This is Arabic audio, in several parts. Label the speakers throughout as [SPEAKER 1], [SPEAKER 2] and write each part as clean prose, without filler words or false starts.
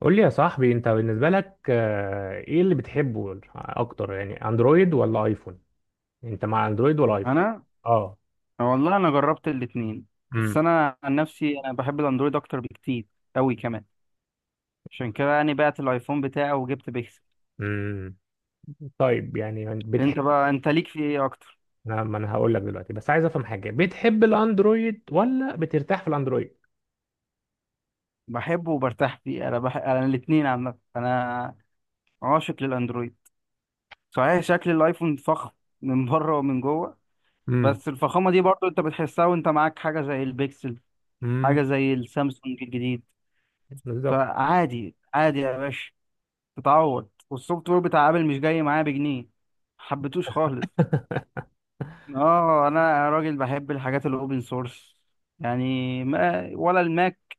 [SPEAKER 1] قول لي يا صاحبي، انت بالنسبة لك ايه اللي بتحبه اكتر؟ يعني اندرويد ولا ايفون؟ انت مع اندرويد ولا ايفون؟
[SPEAKER 2] انا
[SPEAKER 1] اه.
[SPEAKER 2] والله انا جربت الاتنين. بس
[SPEAKER 1] امم
[SPEAKER 2] انا عن نفسي انا بحب الاندرويد اكتر بكتير قوي كمان. عشان كده يعني بعت الايفون بتاعي وجبت بيكسل.
[SPEAKER 1] امم طيب، يعني
[SPEAKER 2] انت
[SPEAKER 1] بتحب،
[SPEAKER 2] بقى انت ليك في ايه اكتر؟
[SPEAKER 1] انا ما انا هقول لك دلوقتي بس عايز افهم حاجة، بتحب الاندرويد ولا بترتاح في الاندرويد؟
[SPEAKER 2] بحبه وبرتاح فيه، انا بحب انا الاتنين عامه، انا عاشق للاندرويد. صحيح شكل الايفون فخم من بره ومن جوه،
[SPEAKER 1] امم
[SPEAKER 2] بس الفخامه دي برضو انت بتحسها وانت معاك حاجه زي البيكسل، حاجه
[SPEAKER 1] امم
[SPEAKER 2] زي السامسونج الجديد.
[SPEAKER 1] بالظبط.
[SPEAKER 2] فعادي عادي يا باشا، تتعوض. والسوفت وير بتاع ابل مش جاي معايا بجنيه، حبيتوش خالص. اه انا راجل بحب الحاجات الاوبن سورس، يعني ما ولا الماك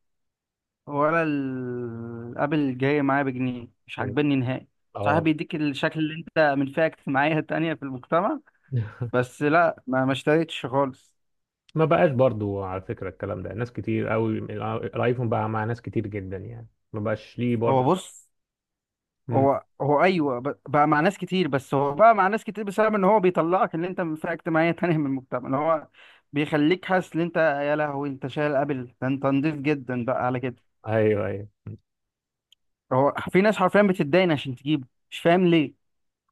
[SPEAKER 2] ولا الابل جاي معايا بجنيه، مش
[SPEAKER 1] مم.
[SPEAKER 2] عاجبني نهائي. صحيح
[SPEAKER 1] اه.
[SPEAKER 2] بيديك الشكل اللي انت من فئة اجتماعية تانية في المجتمع، بس لا، ما اشتريتش خالص.
[SPEAKER 1] ما بقاش برضو على فكرة الكلام ده، ناس كتير قوي الايفون بقى مع ناس كتير جدا يعني. ما بقاش ليه
[SPEAKER 2] هو
[SPEAKER 1] برضو.
[SPEAKER 2] بص،
[SPEAKER 1] مم.
[SPEAKER 2] هو هو ايوه بقى مع ناس كتير، بس هو بقى مع ناس كتير بسبب ان هو بيطلعك ان انت من فئه اجتماعيه تانية من المجتمع، ان هو بيخليك حاسس ان انت يا لهوي انت شايل. قبل ده انت نضيف جدا بقى على كده.
[SPEAKER 1] ايوه ايوه.
[SPEAKER 2] هو في ناس حرفيا بتتداين عشان تجيبه، مش فاهم ليه.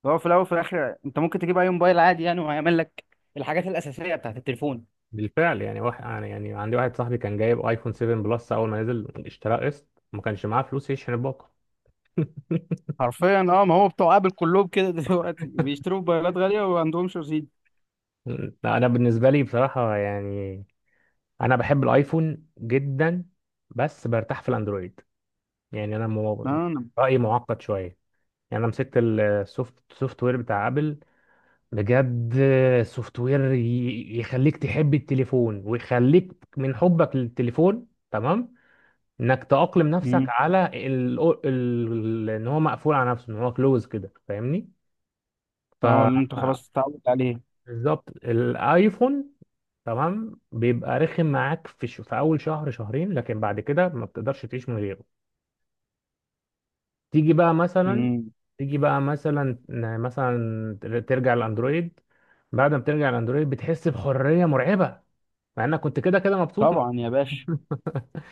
[SPEAKER 2] ده هو في الاول وفي الاخر انت ممكن تجيب اي موبايل عادي يعني، وهيعمل لك الحاجات الاساسيه بتاعت التليفون.
[SPEAKER 1] بالفعل. يعني واحد، يعني يعني عندي واحد صاحبي كان جايب ايفون 7 بلس اول ما نزل، اشتراه قسط ما كانش معاه فلوس يشحن الباقه.
[SPEAKER 2] حرفيا اه، ما هو بتوع ابل كلهم كده دلوقتي بيشتروا موبايلات غاليه وما عندهمش رصيد.
[SPEAKER 1] لا، انا بالنسبه لي بصراحه يعني انا بحب الايفون جدا، بس برتاح في الاندرويد. يعني انا
[SPEAKER 2] اه. أنا-
[SPEAKER 1] رايي معقد شويه. يعني انا مسكت السوفت وير بتاع ابل، بجد سوفت وير يخليك تحب التليفون، ويخليك من حبك للتليفون تمام، انك تأقلم نفسك
[SPEAKER 2] مم.
[SPEAKER 1] على ان هو مقفول على نفسه، ان هو كلوز كده، فاهمني؟ ف
[SPEAKER 2] اه، اللي انت
[SPEAKER 1] مم.
[SPEAKER 2] خلاص اتعودت عليه.
[SPEAKER 1] بالظبط الايفون تمام، بيبقى رخم معاك في في اول شهر شهرين، لكن بعد كده ما بتقدرش تعيش من غيره. تيجي بقى مثلا،
[SPEAKER 2] مم.
[SPEAKER 1] تيجي بقى مثلا ترجع الاندرويد، بعد ما بترجع الاندرويد بتحس بحرية مرعبة، مع انك كنت كده كده مبسوط.
[SPEAKER 2] طبعا يا باشا.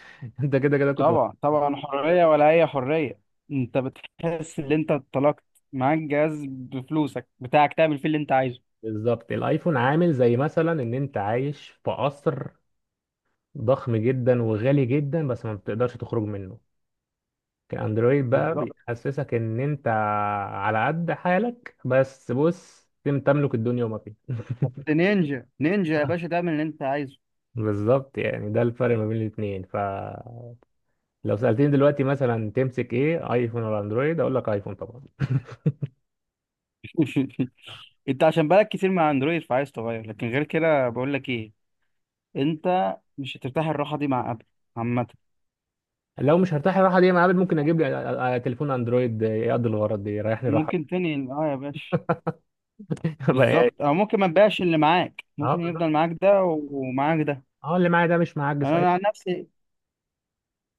[SPEAKER 1] انت كده كده كنت
[SPEAKER 2] طبعا
[SPEAKER 1] مبسوط.
[SPEAKER 2] طبعا، حرية ولا أي حرية. أنت بتحس إن أنت اتطلقت، معاك جهاز بفلوسك بتاعك تعمل فيه اللي أنت عايزه.
[SPEAKER 1] بالظبط، الايفون عامل زي مثلا ان انت عايش في قصر ضخم جدا وغالي جدا، بس ما بتقدرش تخرج منه. لكن اندرويد بقى
[SPEAKER 2] بالظبط.
[SPEAKER 1] بيحسسك ان انت على قد حالك، بس بص تملك الدنيا وما فيها.
[SPEAKER 2] بس نينجا نينجا يا
[SPEAKER 1] آه،
[SPEAKER 2] باشا، تعمل اللي أنت عايزه.
[SPEAKER 1] بالظبط، يعني ده الفرق ما بين الاثنين. فلو سألتني دلوقتي مثلا تمسك ايه، ايفون ولا اندرويد؟ اقول لك ايفون طبعا.
[SPEAKER 2] أنت عشان بقالك كتير مع أندرويد فعايز تغير، لكن غير كده بقول لك إيه، أنت مش هترتاح الراحة دي مع أبل عامة.
[SPEAKER 1] لو مش هرتاح الراحه دي مع عابد، ممكن اجيب لي تليفون اندرويد يقضي الغرض دي، يريحني الراحه،
[SPEAKER 2] ممكن تاني أه يا باشا.
[SPEAKER 1] بقى يعني.
[SPEAKER 2] بالظبط، أو ممكن ما تبيعش اللي معاك،
[SPEAKER 1] اه
[SPEAKER 2] ممكن
[SPEAKER 1] بالظبط.
[SPEAKER 2] يفضل معاك ده ومعاك ده.
[SPEAKER 1] اه اللي معايا ده مش معجز في
[SPEAKER 2] أنا
[SPEAKER 1] اي.
[SPEAKER 2] أنا عن نفسي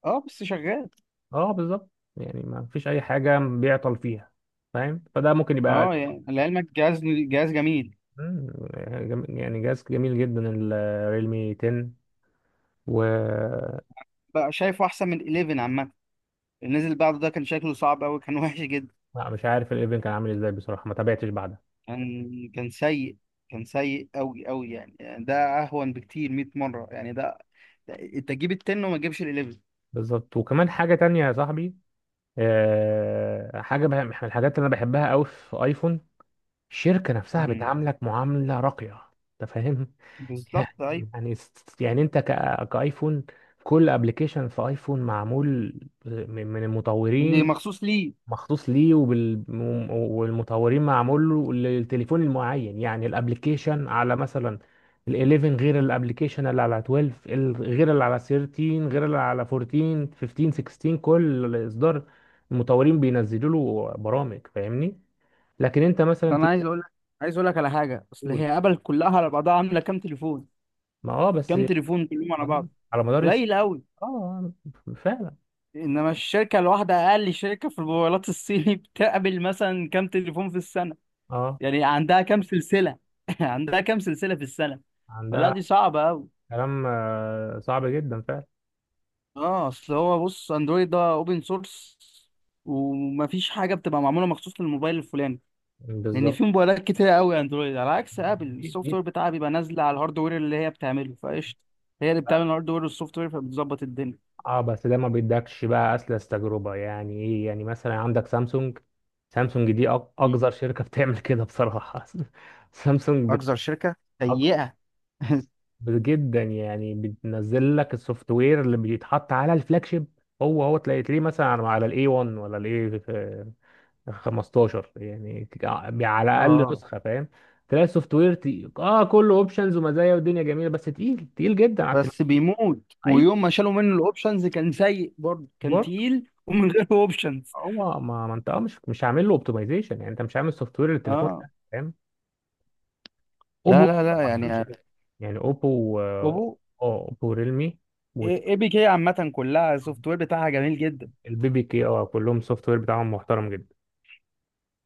[SPEAKER 2] أه بس شغال.
[SPEAKER 1] اه بالظبط، يعني ما فيش اي حاجه بيعطل فيها، فاهم؟ فده ممكن يبقى،
[SPEAKER 2] أه يعني لعلمك جهاز جهاز جميل.
[SPEAKER 1] يعني يعني جهاز جميل جدا، الريلمي 10. و
[SPEAKER 2] بقى شايفه احسن من 11 عامه، اللي نزل بعده ده كان شكله صعب قوي، كان وحش جدا.
[SPEAKER 1] لا، مش عارف ال11 كان عامل ازاي بصراحة، ما تابعتش بعدها.
[SPEAKER 2] كان كان سيء، كان سيء قوي قوي يعني. ده اهون بكتير 100 مره يعني. ده انت تجيب ال 10 وما تجيبش ال 11.
[SPEAKER 1] بالظبط، وكمان حاجة تانية يا صاحبي، حاجة من الحاجات اللي انا بحبها قوي في ايفون، الشركة نفسها
[SPEAKER 2] مم.
[SPEAKER 1] بتعاملك معاملة راقية، انت فاهم؟
[SPEAKER 2] بالظبط ايوه.
[SPEAKER 1] يعني، يعني انت كايفون، كل ابلكيشن في ايفون معمول من
[SPEAKER 2] دي
[SPEAKER 1] المطورين
[SPEAKER 2] مخصوص ليه.
[SPEAKER 1] مخصوص ليه، والمطورين معمول له للتليفون المعين، يعني الابليكيشن على مثلا ال 11 غير الابليكيشن اللي على 12، غير اللي على 13، غير اللي على 14 15 16، كل اصدار المطورين بينزلوا له برامج، فاهمني؟ لكن انت
[SPEAKER 2] ده
[SPEAKER 1] مثلا
[SPEAKER 2] انا
[SPEAKER 1] تيجي
[SPEAKER 2] عايز اقول لك، عايز اقول لك على حاجه. اصل
[SPEAKER 1] تقول،
[SPEAKER 2] هي ابل كلها على بعضها عامله كام تليفون؟
[SPEAKER 1] ما اه بس،
[SPEAKER 2] كام تليفون كلهم على بعض؟
[SPEAKER 1] على
[SPEAKER 2] قليل قوي.
[SPEAKER 1] اه فعلا.
[SPEAKER 2] انما الشركه الواحده، اقل شركه في الموبايلات الصيني بتقبل مثلا كام تليفون في السنه؟
[SPEAKER 1] اه
[SPEAKER 2] يعني عندها كام سلسلة؟ عندها كام سلسلة في السنة؟ فلا
[SPEAKER 1] عندها،
[SPEAKER 2] دي صعبة أوي.
[SPEAKER 1] كلام صعب جدا فعلا.
[SPEAKER 2] اه اصل هو بص، اندرويد ده اوبن سورس، ومفيش حاجة بتبقى معمولة مخصوص للموبايل الفلاني، لأن
[SPEAKER 1] بالظبط.
[SPEAKER 2] في موبايلات كتيرة أوي اندرويد. على عكس ابل، السوفت وير بتاعها بيبقى نازلة على الهاردوير اللي هي بتعمله، فقشطة. هي اللي بتعمل الهاردوير والسوفت وير فبتظبط الدنيا.
[SPEAKER 1] اه بس ده ما بيدكش بقى اسلس تجربة، يعني ايه؟ يعني مثلا عندك سامسونج، سامسونج دي
[SPEAKER 2] مم.
[SPEAKER 1] اقذر شركة بتعمل كده بصراحة. سامسونج
[SPEAKER 2] اكثر شركه
[SPEAKER 1] أق-
[SPEAKER 2] سيئة.
[SPEAKER 1] جدا يعني، بتنزل لك السوفت وير اللي بيتحط على الفلاج شيب. هو تلاقيه مثلا على الاي 1 ولا الاي 15 يعني، على اقل
[SPEAKER 2] اه
[SPEAKER 1] نسخة، فاهم؟ تلاقي السوفت وير تقيل. اه كله اوبشنز ومزايا والدنيا جميلة، بس تقيل تقيل جدا على
[SPEAKER 2] بس
[SPEAKER 1] التليفون.
[SPEAKER 2] بيموت،
[SPEAKER 1] ايوه.
[SPEAKER 2] ويوم ما شالوا منه الاوبشنز كان سيء برضه، كان تقيل ومن غير اوبشنز.
[SPEAKER 1] هو ما انت، اه مش عامل له اوبتمايزيشن، يعني انت مش عامل سوفت وير للتليفون
[SPEAKER 2] اه.
[SPEAKER 1] ده، فاهم؟
[SPEAKER 2] لا
[SPEAKER 1] اوبو،
[SPEAKER 2] لا لا يعني
[SPEAKER 1] مش كده؟ يعني اوبو اه،
[SPEAKER 2] اوبو،
[SPEAKER 1] اوبو ريلمي،
[SPEAKER 2] اي بي كي عامة كلها
[SPEAKER 1] والبي
[SPEAKER 2] السوفت وير بتاعها جميل جدا.
[SPEAKER 1] بي كي، اه كلهم سوفت وير بتاعهم محترم جدا.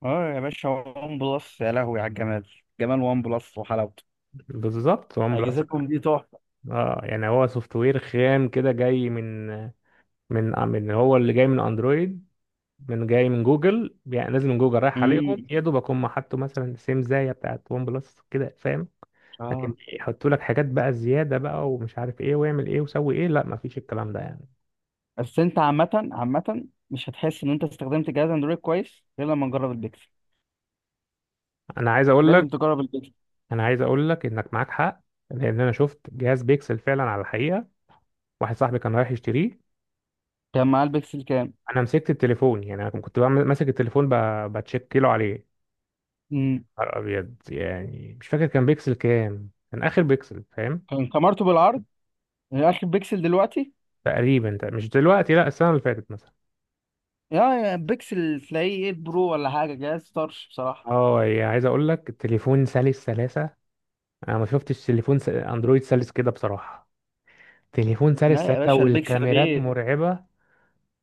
[SPEAKER 2] اه يا باشا، وان بلس يا لهوي على الجمال. جمال وان بلس وحلاوته،
[SPEAKER 1] بالظبط، وان بلس.
[SPEAKER 2] اجهزتكم دي تحفه.
[SPEAKER 1] اه، يعني هو سوفت وير خام كده، جاي من هو اللي جاي من اندرويد، جاي من جوجل يعني، لازم من جوجل رايح عليهم
[SPEAKER 2] امم.
[SPEAKER 1] يا دوب اكون محطه مثلا سيم زي بتاعت ون بلس كده، فاهم؟ لكن
[SPEAKER 2] اه
[SPEAKER 1] يحطوا لك حاجات بقى زياده بقى، ومش عارف ايه، واعمل ايه، وسوي ايه، لا مفيش الكلام ده يعني.
[SPEAKER 2] بس انت عامة عامة مش هتحس ان انت استخدمت جهاز اندرويد كويس غير لما نجرب البيكسل.
[SPEAKER 1] انا عايز اقول
[SPEAKER 2] لازم
[SPEAKER 1] لك،
[SPEAKER 2] تجرب البيكسل.
[SPEAKER 1] انا عايز اقول لك انك معاك حق، لان انا شفت جهاز بيكسل فعلا على الحقيقه، واحد صاحبي كان رايح يشتريه.
[SPEAKER 2] كان معاه البيكسل كام؟
[SPEAKER 1] انا مسكت التليفون، يعني انا كنت ماسك التليفون بتشيك كيلو عليه.
[SPEAKER 2] امم.
[SPEAKER 1] نهار ابيض، يعني مش فاكر كان بيكسل كام، كان اخر بيكسل فاهم؟
[SPEAKER 2] كان كمرته بالعرض، يعني اخر بيكسل دلوقتي.
[SPEAKER 1] تقريبا، مش دلوقتي لا، السنه اللي فاتت مثلا.
[SPEAKER 2] يا يا بيكسل تلاقيه 8 برو ولا حاجة، جهاز طرش بصراحة.
[SPEAKER 1] اه، يعني عايز اقول لك التليفون سلس سلاسه، انا ما شفتش تليفون اندرويد سلس كده بصراحه، تليفون سارس
[SPEAKER 2] لا يا
[SPEAKER 1] ساعتها،
[SPEAKER 2] باشا، البيكسل
[SPEAKER 1] والكاميرات
[SPEAKER 2] غير.
[SPEAKER 1] مرعبة.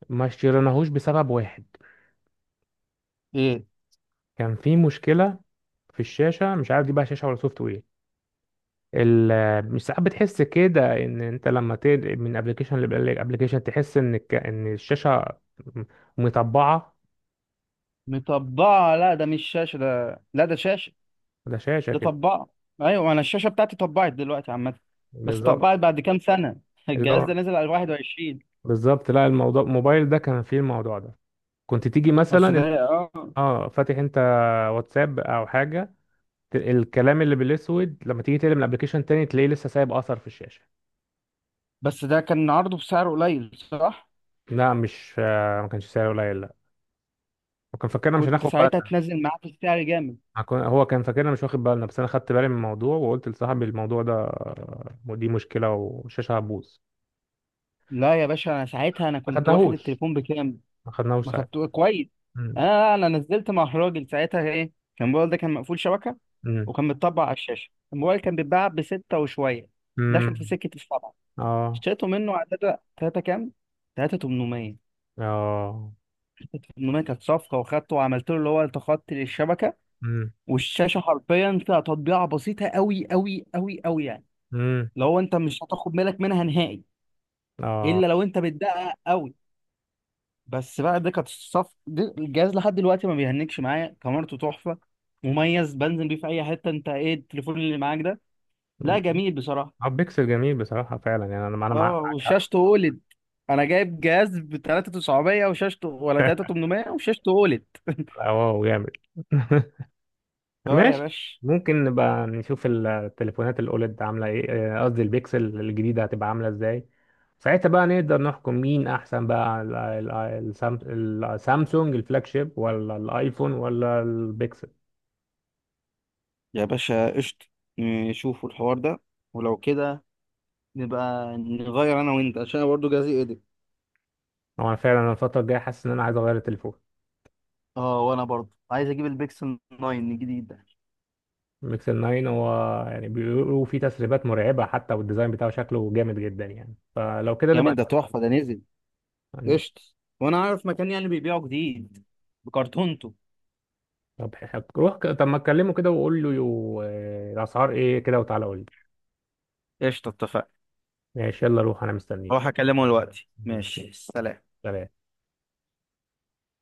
[SPEAKER 1] ما اشتريناهوش بسبب واحد،
[SPEAKER 2] إيه؟
[SPEAKER 1] كان في مشكلة في الشاشة، مش عارف دي بقى شاشة ولا سوفت وير. مش ساعات بتحس كده ان انت لما تنقل من ابلكيشن لابلكيشن، تحس ان ان الشاشة م- مطبعة.
[SPEAKER 2] مطبعة؟ لا ده مش شاشة، ده لا ده شاشة،
[SPEAKER 1] ده شاشة
[SPEAKER 2] ده
[SPEAKER 1] كده؟
[SPEAKER 2] طبعة. أيوة، أنا الشاشة بتاعتي طبعت دلوقتي عامة، بس
[SPEAKER 1] بالظبط،
[SPEAKER 2] طبعت بعد كام سنة.
[SPEAKER 1] اللي
[SPEAKER 2] الجهاز
[SPEAKER 1] هو،
[SPEAKER 2] ده نزل على 21.
[SPEAKER 1] بالظبط. لا الموضوع، الموبايل ده كان فيه الموضوع ده، كنت تيجي مثلا
[SPEAKER 2] بس ده
[SPEAKER 1] انت،
[SPEAKER 2] اه،
[SPEAKER 1] اه فاتح انت واتساب او حاجة، الكلام اللي بالاسود لما تيجي تقلب الابلكيشن تاني تلاقيه لسه سايب اثر في الشاشه.
[SPEAKER 2] بس ده كان عرضه بسعر قليل صح؟
[SPEAKER 1] لا مش، ما كانش سعره قليل لا، وكان فاكرنا مش
[SPEAKER 2] كنت
[SPEAKER 1] هناخد
[SPEAKER 2] ساعتها
[SPEAKER 1] بالنا.
[SPEAKER 2] تنزل معاه في السعر جامد.
[SPEAKER 1] هو كان فاكرنا مش واخد بالنا، بس انا خدت بالي من الموضوع وقلت لصاحبي الموضوع ده، ودي مشكله والشاشه هتبوظ.
[SPEAKER 2] لا يا باشا، أنا ساعتها أنا
[SPEAKER 1] ما
[SPEAKER 2] كنت واخد
[SPEAKER 1] خدناهوش،
[SPEAKER 2] التليفون بكام؟
[SPEAKER 1] ما خدناهوش
[SPEAKER 2] ما
[SPEAKER 1] ساعتها.
[SPEAKER 2] خدته كويس.
[SPEAKER 1] امم
[SPEAKER 2] أنا أنا نزلت مع الراجل ساعتها إيه؟ كان الموبايل ده كان مقفول شبكة
[SPEAKER 1] امم
[SPEAKER 2] وكان متطبع على الشاشة. الموبايل كان بيتباع بستة وشوية،
[SPEAKER 1] امم
[SPEAKER 2] داخل في سكة السبعة.
[SPEAKER 1] اه.
[SPEAKER 2] اشتريته منه على تلاتة. تلاتة كام؟ تلاتة تمنمية.
[SPEAKER 1] اه.
[SPEAKER 2] تمنمية كانت صفقة، وخدته وعملت له اللي هو التخطي للشبكة.
[SPEAKER 1] امم
[SPEAKER 2] والشاشة حرفيا فيها تطبيعة بسيطة أوي أوي أوي أوي يعني،
[SPEAKER 1] امم
[SPEAKER 2] لو أنت مش هتاخد بالك منها نهائي،
[SPEAKER 1] اه.
[SPEAKER 2] إلا لو أنت بتدقق أوي. بس بقى دي كانت الصف، دي الجهاز لحد دلوقتي ما بيهنكش معايا، كاميرته تحفة، مميز، بنزل بيه في أي حتة. أنت إيه التليفون اللي معاك ده؟ لا
[SPEAKER 1] مم.
[SPEAKER 2] جميل بصراحة.
[SPEAKER 1] بيكسل جميل بصراحه فعلا يعني، انا انا معاك
[SPEAKER 2] أه
[SPEAKER 1] معاك.
[SPEAKER 2] وشاشته أولد. أنا جايب جهاز ب 3900 وشاشته، ولا 3800 وشاشته أولد.
[SPEAKER 1] اه جامد.
[SPEAKER 2] اه يا
[SPEAKER 1] ماشي،
[SPEAKER 2] باشا.
[SPEAKER 1] ممكن نبقى نشوف التليفونات الاولد عامله ايه، قصدي البيكسل الجديده هتبقى عامله ازاي، ساعتها بقى نقدر نحكم مين احسن بقى، السام- السامسونج الفلاج شيب، ولا الايفون، ولا البيكسل.
[SPEAKER 2] يا باشا قشطة، نشوفوا الحوار ده، ولو كده نبقى نغير انا وانت، عشان انا برضه جاهز ايديت.
[SPEAKER 1] هو انا فعلا أنا الفتره الجايه حاسس ان انا عايز اغير التليفون.
[SPEAKER 2] اه وانا برضه عايز اجيب البيكسل 9 الجديد ده.
[SPEAKER 1] البيكسل 9 هو، يعني بيقولوا فيه تسريبات مرعبه حتى، والديزاين بتاعه شكله جامد جدا يعني، فلو كده
[SPEAKER 2] جامد،
[SPEAKER 1] نبقى
[SPEAKER 2] ده تحفة ده نزل.
[SPEAKER 1] نشوف.
[SPEAKER 2] قشطة. وانا عارف مكان يعني بيبيعه جديد بكرتونته.
[SPEAKER 1] طب طب ما تكلمه كده وقول له الاسعار ايه كده، وتعالى قول لي.
[SPEAKER 2] قشطة اتفقنا.
[SPEAKER 1] ماشي، يلا روح انا مستنيك.
[SPEAKER 2] هروح اكلمه دلوقتي،
[SPEAKER 1] ماشي.
[SPEAKER 2] ماشي سلام.
[SPEAKER 1] سلام.